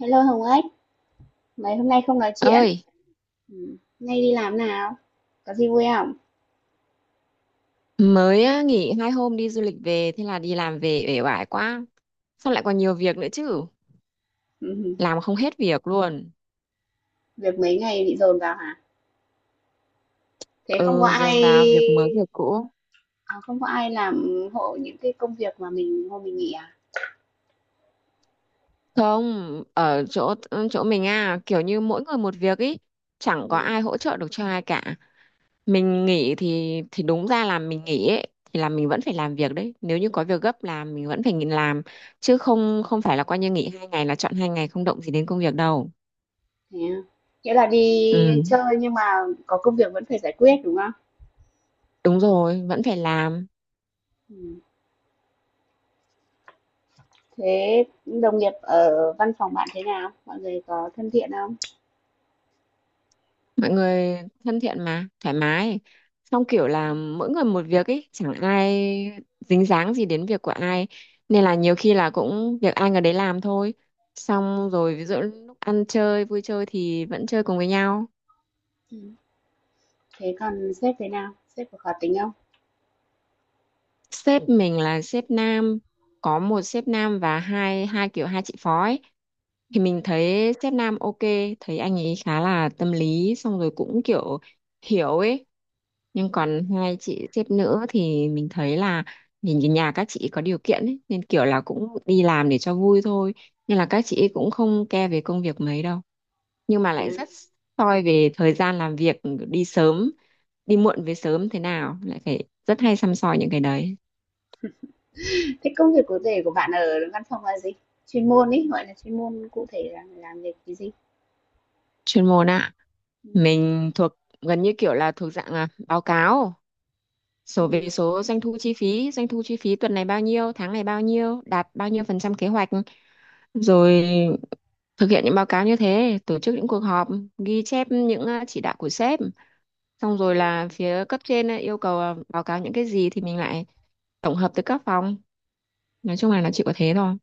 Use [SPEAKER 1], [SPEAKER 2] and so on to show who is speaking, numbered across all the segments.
[SPEAKER 1] Hello Hồng Ếch, mấy hôm nay không nói chuyện.
[SPEAKER 2] Ơi,
[SPEAKER 1] Ừ. Nay đi làm nào? Có gì vui không?
[SPEAKER 2] mới á, nghỉ 2 hôm đi du lịch về, thế là đi làm về uể oải quá. Sao lại còn nhiều việc nữa chứ.
[SPEAKER 1] Ừ.
[SPEAKER 2] Làm không hết việc luôn.
[SPEAKER 1] Việc mấy ngày bị dồn vào hả? Thế không có
[SPEAKER 2] Ừ,
[SPEAKER 1] ai
[SPEAKER 2] dồn vào việc mới việc cũ.
[SPEAKER 1] à, không có ai làm hộ những cái công việc mà mình hôm mình nghỉ à?
[SPEAKER 2] Không, ở chỗ mình à, kiểu như mỗi người một việc ý. Chẳng
[SPEAKER 1] Ừ.
[SPEAKER 2] có ai hỗ trợ được cho ai cả. Mình nghỉ thì đúng ra là mình nghỉ ấy, thì là mình vẫn phải làm việc đấy, nếu như có việc gấp làm mình vẫn phải nghỉ làm. Chứ không không phải là coi như nghỉ 2 ngày là chọn 2 ngày không động gì đến công việc đâu.
[SPEAKER 1] Thế à? Nghĩa là đi
[SPEAKER 2] Ừ,
[SPEAKER 1] chơi nhưng mà có công việc vẫn phải giải quyết đúng không?
[SPEAKER 2] đúng rồi, vẫn phải làm.
[SPEAKER 1] Ừ. Thế đồng nghiệp ở văn phòng bạn thế nào? Mọi người có thân thiện không?
[SPEAKER 2] Mọi người thân thiện mà thoải mái, xong kiểu là mỗi người một việc ấy, chẳng ai dính dáng gì đến việc của ai, nên là nhiều khi là cũng việc ai người đấy làm thôi. Xong rồi ví dụ lúc ăn chơi vui chơi thì vẫn chơi cùng với nhau.
[SPEAKER 1] Ừ. Thế còn sếp thế nào? Sếp có khó tính
[SPEAKER 2] Sếp mình là sếp nam, có một sếp nam và hai hai kiểu hai chị phó ấy. Thì mình thấy sếp nam ok, thấy anh ấy khá là tâm lý, xong rồi cũng kiểu hiểu ấy. Nhưng còn hai chị sếp nữ thì mình thấy là nhìn cái nhà các chị có điều kiện ấy, nên kiểu là cũng đi làm để cho vui thôi. Nên là các chị ấy cũng không care về công việc mấy đâu, nhưng mà lại
[SPEAKER 1] không?
[SPEAKER 2] rất soi về thời gian làm việc. Đi sớm, đi muộn, về sớm thế nào lại phải rất hay săm soi những cái đấy.
[SPEAKER 1] Thế công việc cụ thể của bạn ở văn phòng là gì? Chuyên môn ấy, gọi là, chuyên môn cụ thể là làm việc cái gì?
[SPEAKER 2] Chuyên môn ạ.
[SPEAKER 1] Ừm.
[SPEAKER 2] Mình thuộc, gần như kiểu là thuộc dạng báo cáo số về số doanh thu chi phí, doanh thu chi phí tuần này bao nhiêu, tháng này bao nhiêu, đạt bao nhiêu phần trăm kế hoạch, rồi thực hiện những báo cáo như thế, tổ chức những cuộc họp, ghi chép những chỉ đạo của sếp. Xong rồi là phía cấp trên yêu cầu báo cáo những cái gì thì mình lại tổng hợp từ các phòng. Nói chung là nó chỉ có thế thôi,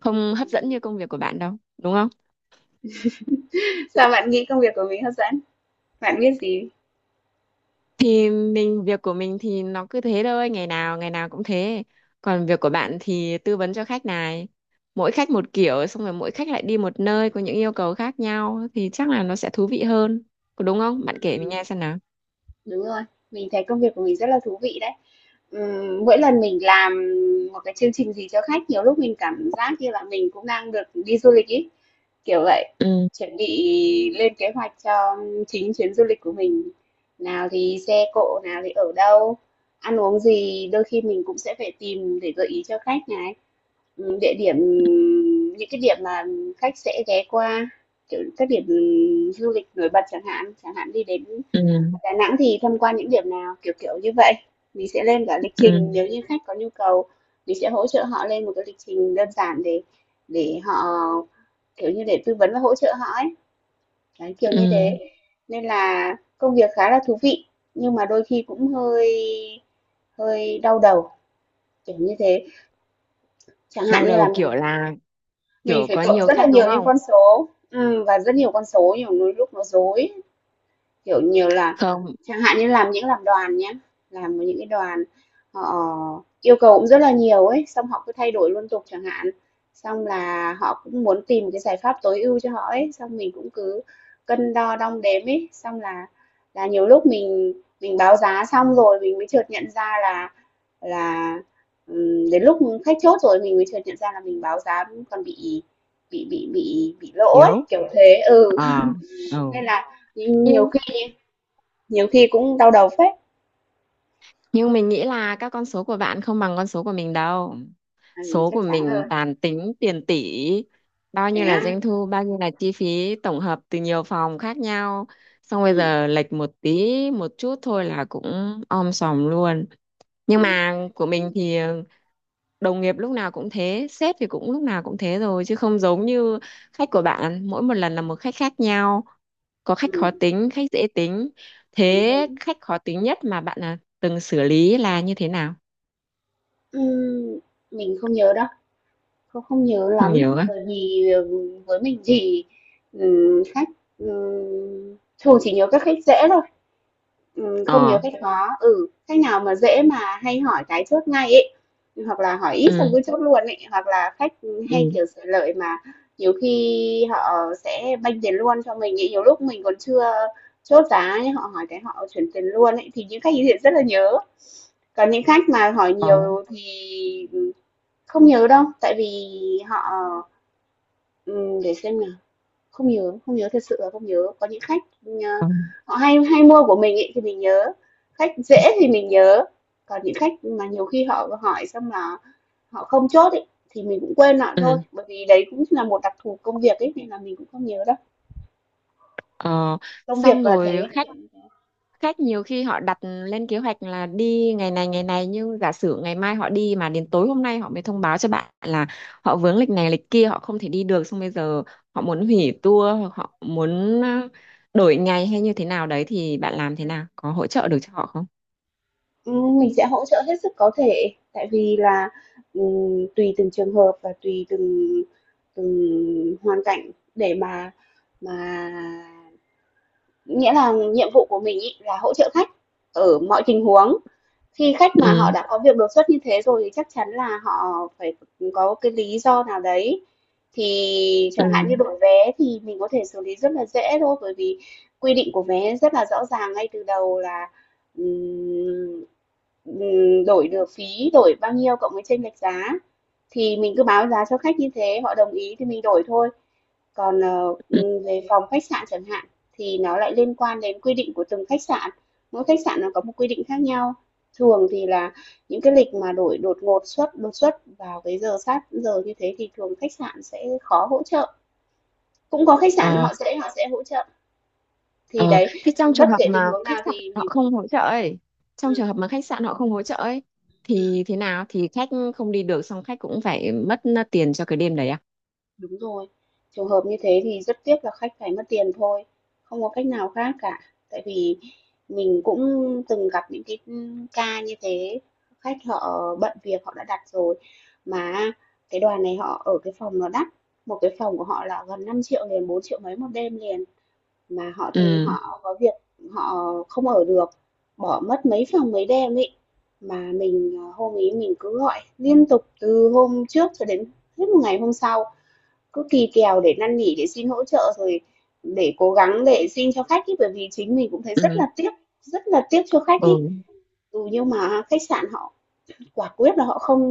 [SPEAKER 2] không hấp dẫn như công việc của bạn đâu đúng không.
[SPEAKER 1] Sao bạn nghĩ công việc của mình hấp dẫn? Bạn biết gì?
[SPEAKER 2] Thì mình, việc của mình thì nó cứ thế thôi, ngày nào cũng thế. Còn việc của bạn thì tư vấn cho khách này, mỗi khách một kiểu, xong rồi mỗi khách lại đi một nơi có những yêu cầu khác nhau thì chắc là nó sẽ thú vị hơn. Có đúng không, bạn kể mình
[SPEAKER 1] ừm,
[SPEAKER 2] nghe xem nào.
[SPEAKER 1] Đúng rồi, mình thấy công việc của mình rất là thú vị đấy. Mỗi lần mình làm một cái chương trình gì cho khách, nhiều lúc mình cảm giác như là mình cũng đang được đi du lịch ý. Kiểu vậy,
[SPEAKER 2] Ừ.
[SPEAKER 1] chuẩn bị lên kế hoạch cho chính chuyến du lịch của mình. Nào thì xe cộ, nào thì ở đâu, ăn uống gì, đôi khi mình cũng sẽ phải tìm để gợi ý cho khách này. Ừ. Địa điểm, những cái điểm mà khách sẽ ghé qua, kiểu các điểm du lịch nổi bật chẳng hạn, chẳng hạn đi đến
[SPEAKER 2] Ừ.
[SPEAKER 1] Đà Nẵng thì tham quan những điểm nào, kiểu kiểu như vậy. Mình sẽ lên cả lịch
[SPEAKER 2] Ừ.
[SPEAKER 1] trình nếu như khách có nhu cầu, mình sẽ hỗ trợ họ lên một cái lịch trình đơn giản để họ, kiểu như để tư vấn và hỗ trợ họ ấy, đấy, kiểu như
[SPEAKER 2] Ừ,
[SPEAKER 1] thế. Nên là công việc khá là thú vị, nhưng mà đôi khi cũng hơi hơi đau đầu, kiểu như thế. Chẳng hạn
[SPEAKER 2] đau
[SPEAKER 1] như là
[SPEAKER 2] đầu
[SPEAKER 1] mình
[SPEAKER 2] kiểu là
[SPEAKER 1] mình
[SPEAKER 2] kiểu
[SPEAKER 1] phải
[SPEAKER 2] có
[SPEAKER 1] cộng
[SPEAKER 2] nhiều
[SPEAKER 1] rất là
[SPEAKER 2] khách đúng
[SPEAKER 1] nhiều những
[SPEAKER 2] không?
[SPEAKER 1] con số, và rất nhiều con số, nhiều lúc nó rối. Kiểu nhiều là
[SPEAKER 2] Không,
[SPEAKER 1] chẳng hạn như làm đoàn nhá, làm những cái đoàn họ yêu cầu cũng rất là nhiều ấy, xong họ cứ thay đổi liên tục chẳng hạn. Xong là họ cũng muốn tìm cái giải pháp tối ưu cho họ ấy, xong mình cũng cứ cân đo đong đếm ấy, xong là nhiều lúc mình báo giá xong rồi mình mới chợt nhận ra là đến lúc khách chốt rồi mình mới chợt nhận ra là mình báo giá còn bị lỗ ấy,
[SPEAKER 2] yếu.
[SPEAKER 1] kiểu thế. Ừ,
[SPEAKER 2] Ờ, ừ.
[SPEAKER 1] nên là nhiều
[SPEAKER 2] Nhưng
[SPEAKER 1] khi nhiều khi cũng đau đầu phết.
[SPEAKER 2] nhưng mình nghĩ là các con số của bạn không bằng con số của mình đâu.
[SPEAKER 1] Ừ,
[SPEAKER 2] Số
[SPEAKER 1] chắc
[SPEAKER 2] của
[SPEAKER 1] chắn
[SPEAKER 2] mình
[SPEAKER 1] rồi.
[SPEAKER 2] toàn tính tiền tỷ, bao
[SPEAKER 1] Thế
[SPEAKER 2] nhiêu là
[SPEAKER 1] á?
[SPEAKER 2] doanh thu, bao nhiêu là chi phí tổng hợp từ nhiều phòng khác nhau. Xong bây
[SPEAKER 1] Ừm,
[SPEAKER 2] giờ lệch một tí, một chút thôi là cũng om sòm luôn.
[SPEAKER 1] thế
[SPEAKER 2] Nhưng mà
[SPEAKER 1] á?
[SPEAKER 2] của mình thì đồng nghiệp lúc nào cũng thế, sếp thì cũng lúc nào cũng thế rồi, chứ không giống như khách của bạn mỗi một lần là một khách khác nhau, có khách khó
[SPEAKER 1] Ừm,
[SPEAKER 2] tính khách dễ tính.
[SPEAKER 1] đúng,
[SPEAKER 2] Thế
[SPEAKER 1] đúng.
[SPEAKER 2] khách khó tính nhất mà bạn là từng xử lý là như thế nào?
[SPEAKER 1] Ừm, mình không nhớ đâu, không không nhớ
[SPEAKER 2] Không
[SPEAKER 1] lắm,
[SPEAKER 2] nhiều á.
[SPEAKER 1] bởi vì, với mình thì, khách, ừm, thường chỉ nhớ các khách dễ thôi. Không nhiều
[SPEAKER 2] Ờ.
[SPEAKER 1] khách khó, khách nào mà dễ mà hay hỏi cái chốt ngay ấy, hoặc là hỏi ít xong
[SPEAKER 2] Ừ.
[SPEAKER 1] cứ chốt luôn ấy, hoặc là khách hay,
[SPEAKER 2] Ừ.
[SPEAKER 1] kiểu, sở lợi mà nhiều khi họ sẽ banh tiền luôn cho mình ấy, nhiều lúc mình còn chưa chốt giá nhá, họ hỏi cái họ chuyển tiền luôn ấy, thì những khách ấy thì rất là nhớ. Còn những khách mà hỏi
[SPEAKER 2] Ờ.
[SPEAKER 1] nhiều thì, ừ, không nhớ đâu, tại vì họ, để xem nào. Không nhớ, không nhớ, thật sự là không nhớ. Có những khách,
[SPEAKER 2] Ờ.
[SPEAKER 1] họ hay hay mua của mình ấy thì mình nhớ, khách dễ thì mình nhớ, còn những khách mà nhiều khi họ hỏi xong là họ không chốt ấy thì mình cũng quên lại thôi,
[SPEAKER 2] Ừ.
[SPEAKER 1] bởi vì đấy cũng là một đặc thù công việc ấy nên là mình cũng không nhớ đâu.
[SPEAKER 2] Ờ.
[SPEAKER 1] Công việc
[SPEAKER 2] Xong
[SPEAKER 1] là
[SPEAKER 2] rồi
[SPEAKER 1] thế.
[SPEAKER 2] khách, khách nhiều khi họ đặt lên kế hoạch là đi ngày này ngày này, nhưng giả sử ngày mai họ đi mà đến tối hôm nay họ mới thông báo cho bạn là họ vướng lịch này lịch kia, họ không thể đi được, xong bây giờ họ muốn hủy tour hoặc họ muốn đổi ngày hay như thế nào đấy, thì bạn làm thế nào, có hỗ trợ được cho họ không?
[SPEAKER 1] Ừ, mình sẽ hỗ trợ hết sức có thể tại vì là, tùy từng trường hợp và tùy từng từng hoàn cảnh để mà nghĩa là nhiệm vụ của mình ấy là hỗ trợ khách ở mọi tình huống. Khi khách mà họ
[SPEAKER 2] Ừ.
[SPEAKER 1] đã có việc đột xuất như thế rồi thì chắc chắn là họ phải có cái lý do nào đấy. Thì
[SPEAKER 2] Ừ.
[SPEAKER 1] chẳng hạn như đổi vé thì mình có thể xử lý rất là dễ thôi, bởi vì quy định của vé rất là rõ ràng ngay từ đầu là, ừm, đổi được phí, đổi bao nhiêu cộng với chênh lệch giá. Thì mình cứ báo giá cho khách như thế, họ đồng ý thì mình đổi thôi. Còn,
[SPEAKER 2] Ừ.
[SPEAKER 1] về phòng khách sạn chẳng hạn, thì nó lại liên quan đến quy định của từng khách sạn, mỗi khách sạn nó có một quy định khác nhau. Thường thì là những cái lịch mà đổi đột xuất vào cái giờ sát giờ như thế thì thường khách sạn sẽ khó hỗ trợ. Cũng có khách sạn
[SPEAKER 2] Ờ.
[SPEAKER 1] họ sẽ hỗ trợ, thì
[SPEAKER 2] Ờ,
[SPEAKER 1] đấy,
[SPEAKER 2] thế trong
[SPEAKER 1] bất
[SPEAKER 2] trường hợp
[SPEAKER 1] kể tình
[SPEAKER 2] mà
[SPEAKER 1] huống
[SPEAKER 2] khách
[SPEAKER 1] nào
[SPEAKER 2] sạn
[SPEAKER 1] thì
[SPEAKER 2] họ
[SPEAKER 1] mình cũng
[SPEAKER 2] không hỗ trợ ấy, trong
[SPEAKER 1] ừm.
[SPEAKER 2] trường hợp mà khách sạn họ không hỗ trợ ấy thì thế nào, thì khách không đi được xong khách cũng phải mất tiền cho cái đêm đấy à?
[SPEAKER 1] Đúng rồi. Trường hợp như thế thì rất tiếc là khách phải mất tiền thôi, không có cách nào khác cả. Tại vì mình cũng từng gặp những cái, ca như thế, khách họ bận việc họ đã đặt rồi mà cái đoàn này họ ở cái phòng nó đắt, một cái phòng của họ là gần 5 triệu liền, 4 triệu mấy một đêm liền mà họ thân
[SPEAKER 2] Ừ.
[SPEAKER 1] họ có việc họ không ở được, bỏ mất mấy phòng mấy đêm ấy. Mà mình, hôm ý mình cứ gọi liên tục từ hôm trước cho đến hết một ngày hôm sau, cứ kỳ kèo để năn nỉ, để xin hỗ trợ, rồi để cố gắng để xin cho khách ý bởi vì chính mình cũng thấy
[SPEAKER 2] Ừ.
[SPEAKER 1] rất là tiếc cho khách ý.
[SPEAKER 2] Ừ.
[SPEAKER 1] Ừ, nhưng mà khách sạn họ quả quyết là họ không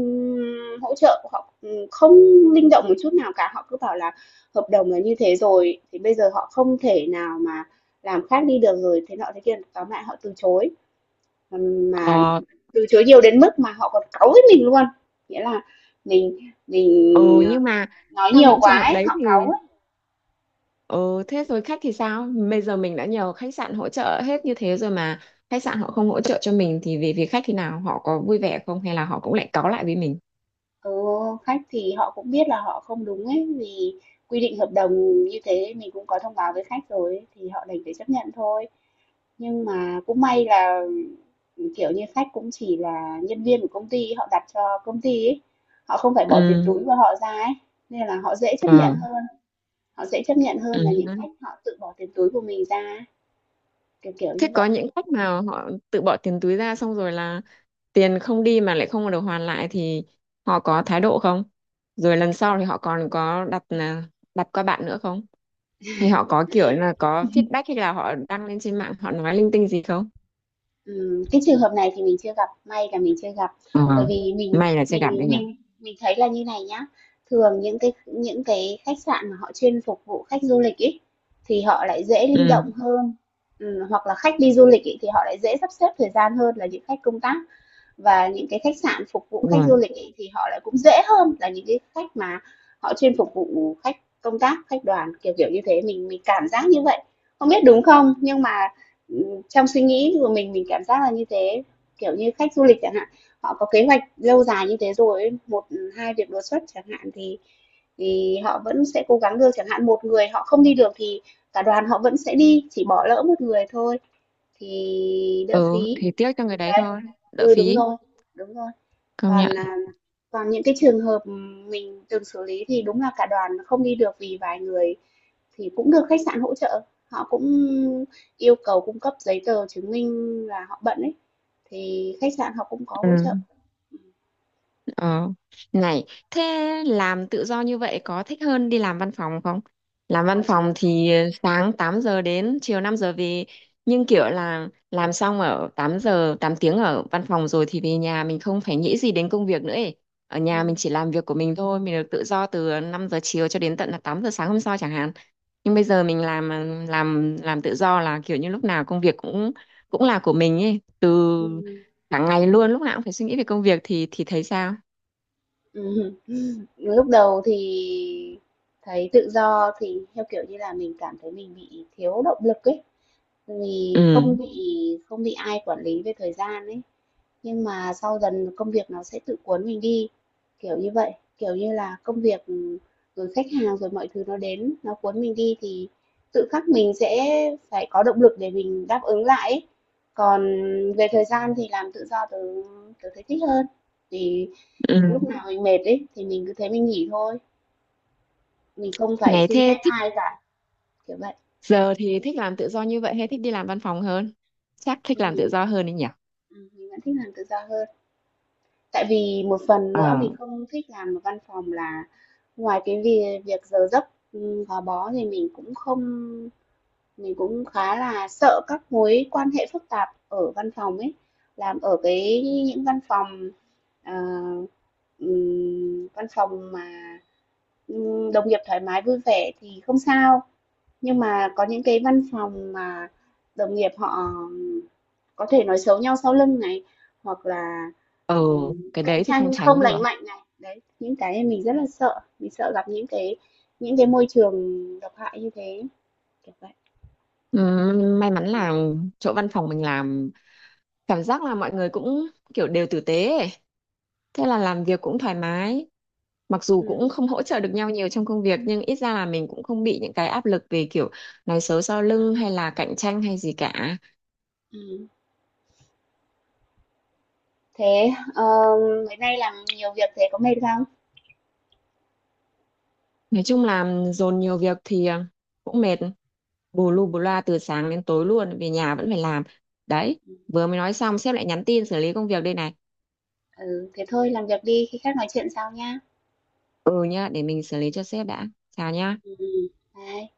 [SPEAKER 1] hỗ trợ, họ không linh động một chút nào cả, họ cứ bảo là hợp đồng là như thế rồi, thì bây giờ họ không thể nào mà làm khác đi được rồi, thế nọ thế kia, tóm lại họ từ chối. Mà mà
[SPEAKER 2] Ờ,
[SPEAKER 1] Từ chối nhiều đến mức mà họ còn cáu với mình luôn. Nghĩa là mình mình
[SPEAKER 2] ừ,
[SPEAKER 1] ờ,
[SPEAKER 2] nhưng mà
[SPEAKER 1] nói
[SPEAKER 2] trong
[SPEAKER 1] nhiều
[SPEAKER 2] những trường
[SPEAKER 1] quá
[SPEAKER 2] hợp
[SPEAKER 1] ấy,
[SPEAKER 2] đấy thì
[SPEAKER 1] họ cáu.
[SPEAKER 2] ừ, thế rồi khách thì sao, bây giờ mình đã nhờ khách sạn hỗ trợ hết như thế rồi mà khách sạn họ không hỗ trợ cho mình, thì về phía khách thì nào họ có vui vẻ không, hay là họ cũng lại cáu lại với mình?
[SPEAKER 1] Ừ, khách thì họ cũng biết là họ không đúng ấy vì quy định hợp đồng như thế mình cũng có thông báo với khách rồi ấy, thì họ đành phải chấp nhận thôi, nhưng mà cũng may là, ừ, kiểu như khách cũng chỉ là nhân viên của công ty họ đặt cho công ty ấy, họ không phải bỏ tiền
[SPEAKER 2] Ừ.
[SPEAKER 1] túi của họ ra ấy, nên là họ dễ chấp nhận
[SPEAKER 2] Ờ.
[SPEAKER 1] hơn, họ dễ chấp nhận
[SPEAKER 2] Ừ.
[SPEAKER 1] hơn là những khách họ tự bỏ tiền túi của mình ra ấy, kiểu kiểu như
[SPEAKER 2] Thế
[SPEAKER 1] vậy.
[SPEAKER 2] có những khách mà họ tự bỏ tiền túi ra xong rồi là tiền không đi mà lại không được hoàn lại thì họ có thái độ không, rồi lần sau thì họ còn có đặt, đặt qua bạn nữa không, hay họ có kiểu là có feedback hay là họ đăng lên trên mạng họ nói linh tinh gì không?
[SPEAKER 1] Cái trường hợp này thì mình chưa gặp, may là mình chưa gặp.
[SPEAKER 2] Ờ,
[SPEAKER 1] Bởi vì mình
[SPEAKER 2] may là chưa gặp đấy
[SPEAKER 1] mình
[SPEAKER 2] nhỉ.
[SPEAKER 1] mình mình thấy là như này nhá, thường những cái khách sạn mà họ chuyên phục vụ khách du lịch ấy, thì họ lại dễ linh động
[SPEAKER 2] Ừ.
[SPEAKER 1] hơn. Hoặc là khách đi du lịch ấy, thì họ lại dễ sắp xếp thời gian hơn là những khách công tác, và những cái khách sạn phục vụ khách
[SPEAKER 2] Ừ.
[SPEAKER 1] du lịch ấy, thì họ lại cũng dễ hơn là những cái khách mà họ chuyên phục vụ khách công tác khách đoàn kiểu kiểu như thế, mình cảm giác như vậy, không biết đúng không nhưng mà, trong suy nghĩ của mình cảm giác là như thế. Kiểu như khách du lịch chẳng hạn họ có kế hoạch lâu dài như thế rồi một, hai việc đột xuất chẳng hạn thì họ vẫn sẽ cố gắng được, chẳng hạn một người họ không đi được thì cả đoàn họ vẫn sẽ đi chỉ bỏ lỡ một người thôi, thì đỡ
[SPEAKER 2] Ừ,
[SPEAKER 1] phí.
[SPEAKER 2] thì tiếc cho người đấy
[SPEAKER 1] Đấy.
[SPEAKER 2] thôi. Đỡ
[SPEAKER 1] Ừ, đúng
[SPEAKER 2] phí.
[SPEAKER 1] rồi, đúng rồi.
[SPEAKER 2] Công nhận.
[SPEAKER 1] Còn, còn những cái trường hợp mình từng xử lý thì đúng là cả đoàn không đi được vì vài người thì cũng được khách sạn hỗ trợ, họ cũng yêu cầu cung cấp giấy tờ chứng minh là họ bận ấy, thì khách sạn họ cũng có
[SPEAKER 2] Ừ.
[SPEAKER 1] hỗ trợ.
[SPEAKER 2] Ờ. Này, thế làm tự do như vậy có thích hơn đi làm văn phòng không? Làm
[SPEAKER 1] Có
[SPEAKER 2] văn
[SPEAKER 1] chứ.
[SPEAKER 2] phòng thì sáng 8 giờ đến chiều 5 giờ về, nhưng kiểu là làm xong ở 8 giờ, 8 tiếng ở văn phòng rồi thì về nhà mình không phải nghĩ gì đến công việc nữa ấy. Ở nhà mình chỉ làm việc của mình thôi, mình được tự do từ 5 giờ chiều cho đến tận là 8 giờ sáng hôm sau chẳng hạn. Nhưng bây giờ mình làm, làm tự do là kiểu như lúc nào công việc cũng cũng là của mình ấy, từ
[SPEAKER 1] Ừm,
[SPEAKER 2] cả ngày luôn, lúc nào cũng phải suy nghĩ về công việc thì thấy sao?
[SPEAKER 1] ừm, Lúc đầu thì thấy tự do thì, theo kiểu như là, mình cảm thấy mình bị thiếu động lực ấy, vì
[SPEAKER 2] Ừ.
[SPEAKER 1] không bị ai quản lý về thời gian ấy. Nhưng mà sau dần công việc nó sẽ tự cuốn mình đi, kiểu như vậy. Kiểu như là công việc, ừ, rồi khách hàng, rồi mọi thứ nó đến, nó cuốn mình đi thì tự khắc mình sẽ phải có động lực để mình đáp ứng lại ấy. Còn về thời gian thì làm tự do tớ tớ thấy thích hơn. Thì lúc
[SPEAKER 2] Ừ.
[SPEAKER 1] nào mình mệt ấy thì mình cứ thế mình nghỉ thôi, mình không phải
[SPEAKER 2] Ngày
[SPEAKER 1] xin
[SPEAKER 2] thế
[SPEAKER 1] phép
[SPEAKER 2] thích.
[SPEAKER 1] ai cả, kiểu vậy.
[SPEAKER 2] Giờ thì thích làm tự do như vậy hay thích đi làm văn phòng hơn, chắc thích
[SPEAKER 1] Nên
[SPEAKER 2] làm tự
[SPEAKER 1] mình
[SPEAKER 2] do hơn đấy nhỉ.
[SPEAKER 1] ừm, mình vẫn thích làm tự do hơn. Tại vì một phần
[SPEAKER 2] Ờ.
[SPEAKER 1] nữa mình không thích làm ở văn phòng là ngoài cái việc việc giờ giấc, gò bó thì mình cũng không mình cũng khá là sợ các mối quan hệ phức tạp ở văn phòng ấy, làm ở cái những văn phòng, ờ, văn phòng mà, đồng nghiệp thoải mái vui vẻ thì không sao, nhưng mà có những cái văn phòng mà đồng nghiệp họ có thể nói xấu nhau sau lưng này, hoặc là,
[SPEAKER 2] Ừ, cái
[SPEAKER 1] cạnh
[SPEAKER 2] đấy thì không
[SPEAKER 1] tranh
[SPEAKER 2] tránh
[SPEAKER 1] không
[SPEAKER 2] được.
[SPEAKER 1] lành mạnh này, đấy, những cái mình rất là sợ, mình sợ gặp những cái môi trường độc hại như thế, kiểu vậy.
[SPEAKER 2] May mắn là chỗ văn phòng mình làm, cảm giác là mọi người cũng kiểu đều tử tế ấy. Thế là làm việc cũng thoải mái, mặc dù
[SPEAKER 1] Ừm,
[SPEAKER 2] cũng không hỗ trợ được nhau nhiều trong công việc nhưng ít ra là mình cũng không bị những cái áp lực về kiểu nói xấu sau lưng hay là cạnh tranh hay gì cả.
[SPEAKER 1] ừm. Thế, mấy nay làm nhiều việc thế có mệt không?
[SPEAKER 2] Nói chung là dồn nhiều việc thì cũng mệt, bù lu bù loa từ sáng đến tối luôn, về nhà vẫn phải làm. Đấy, vừa mới nói xong sếp lại nhắn tin xử lý công việc đây này.
[SPEAKER 1] Ừ, thế thôi làm việc đi, khi khác nói chuyện sau nhá.
[SPEAKER 2] Ừ nhá, để mình xử lý cho sếp đã. Chào nhá.
[SPEAKER 1] Ừ, bye.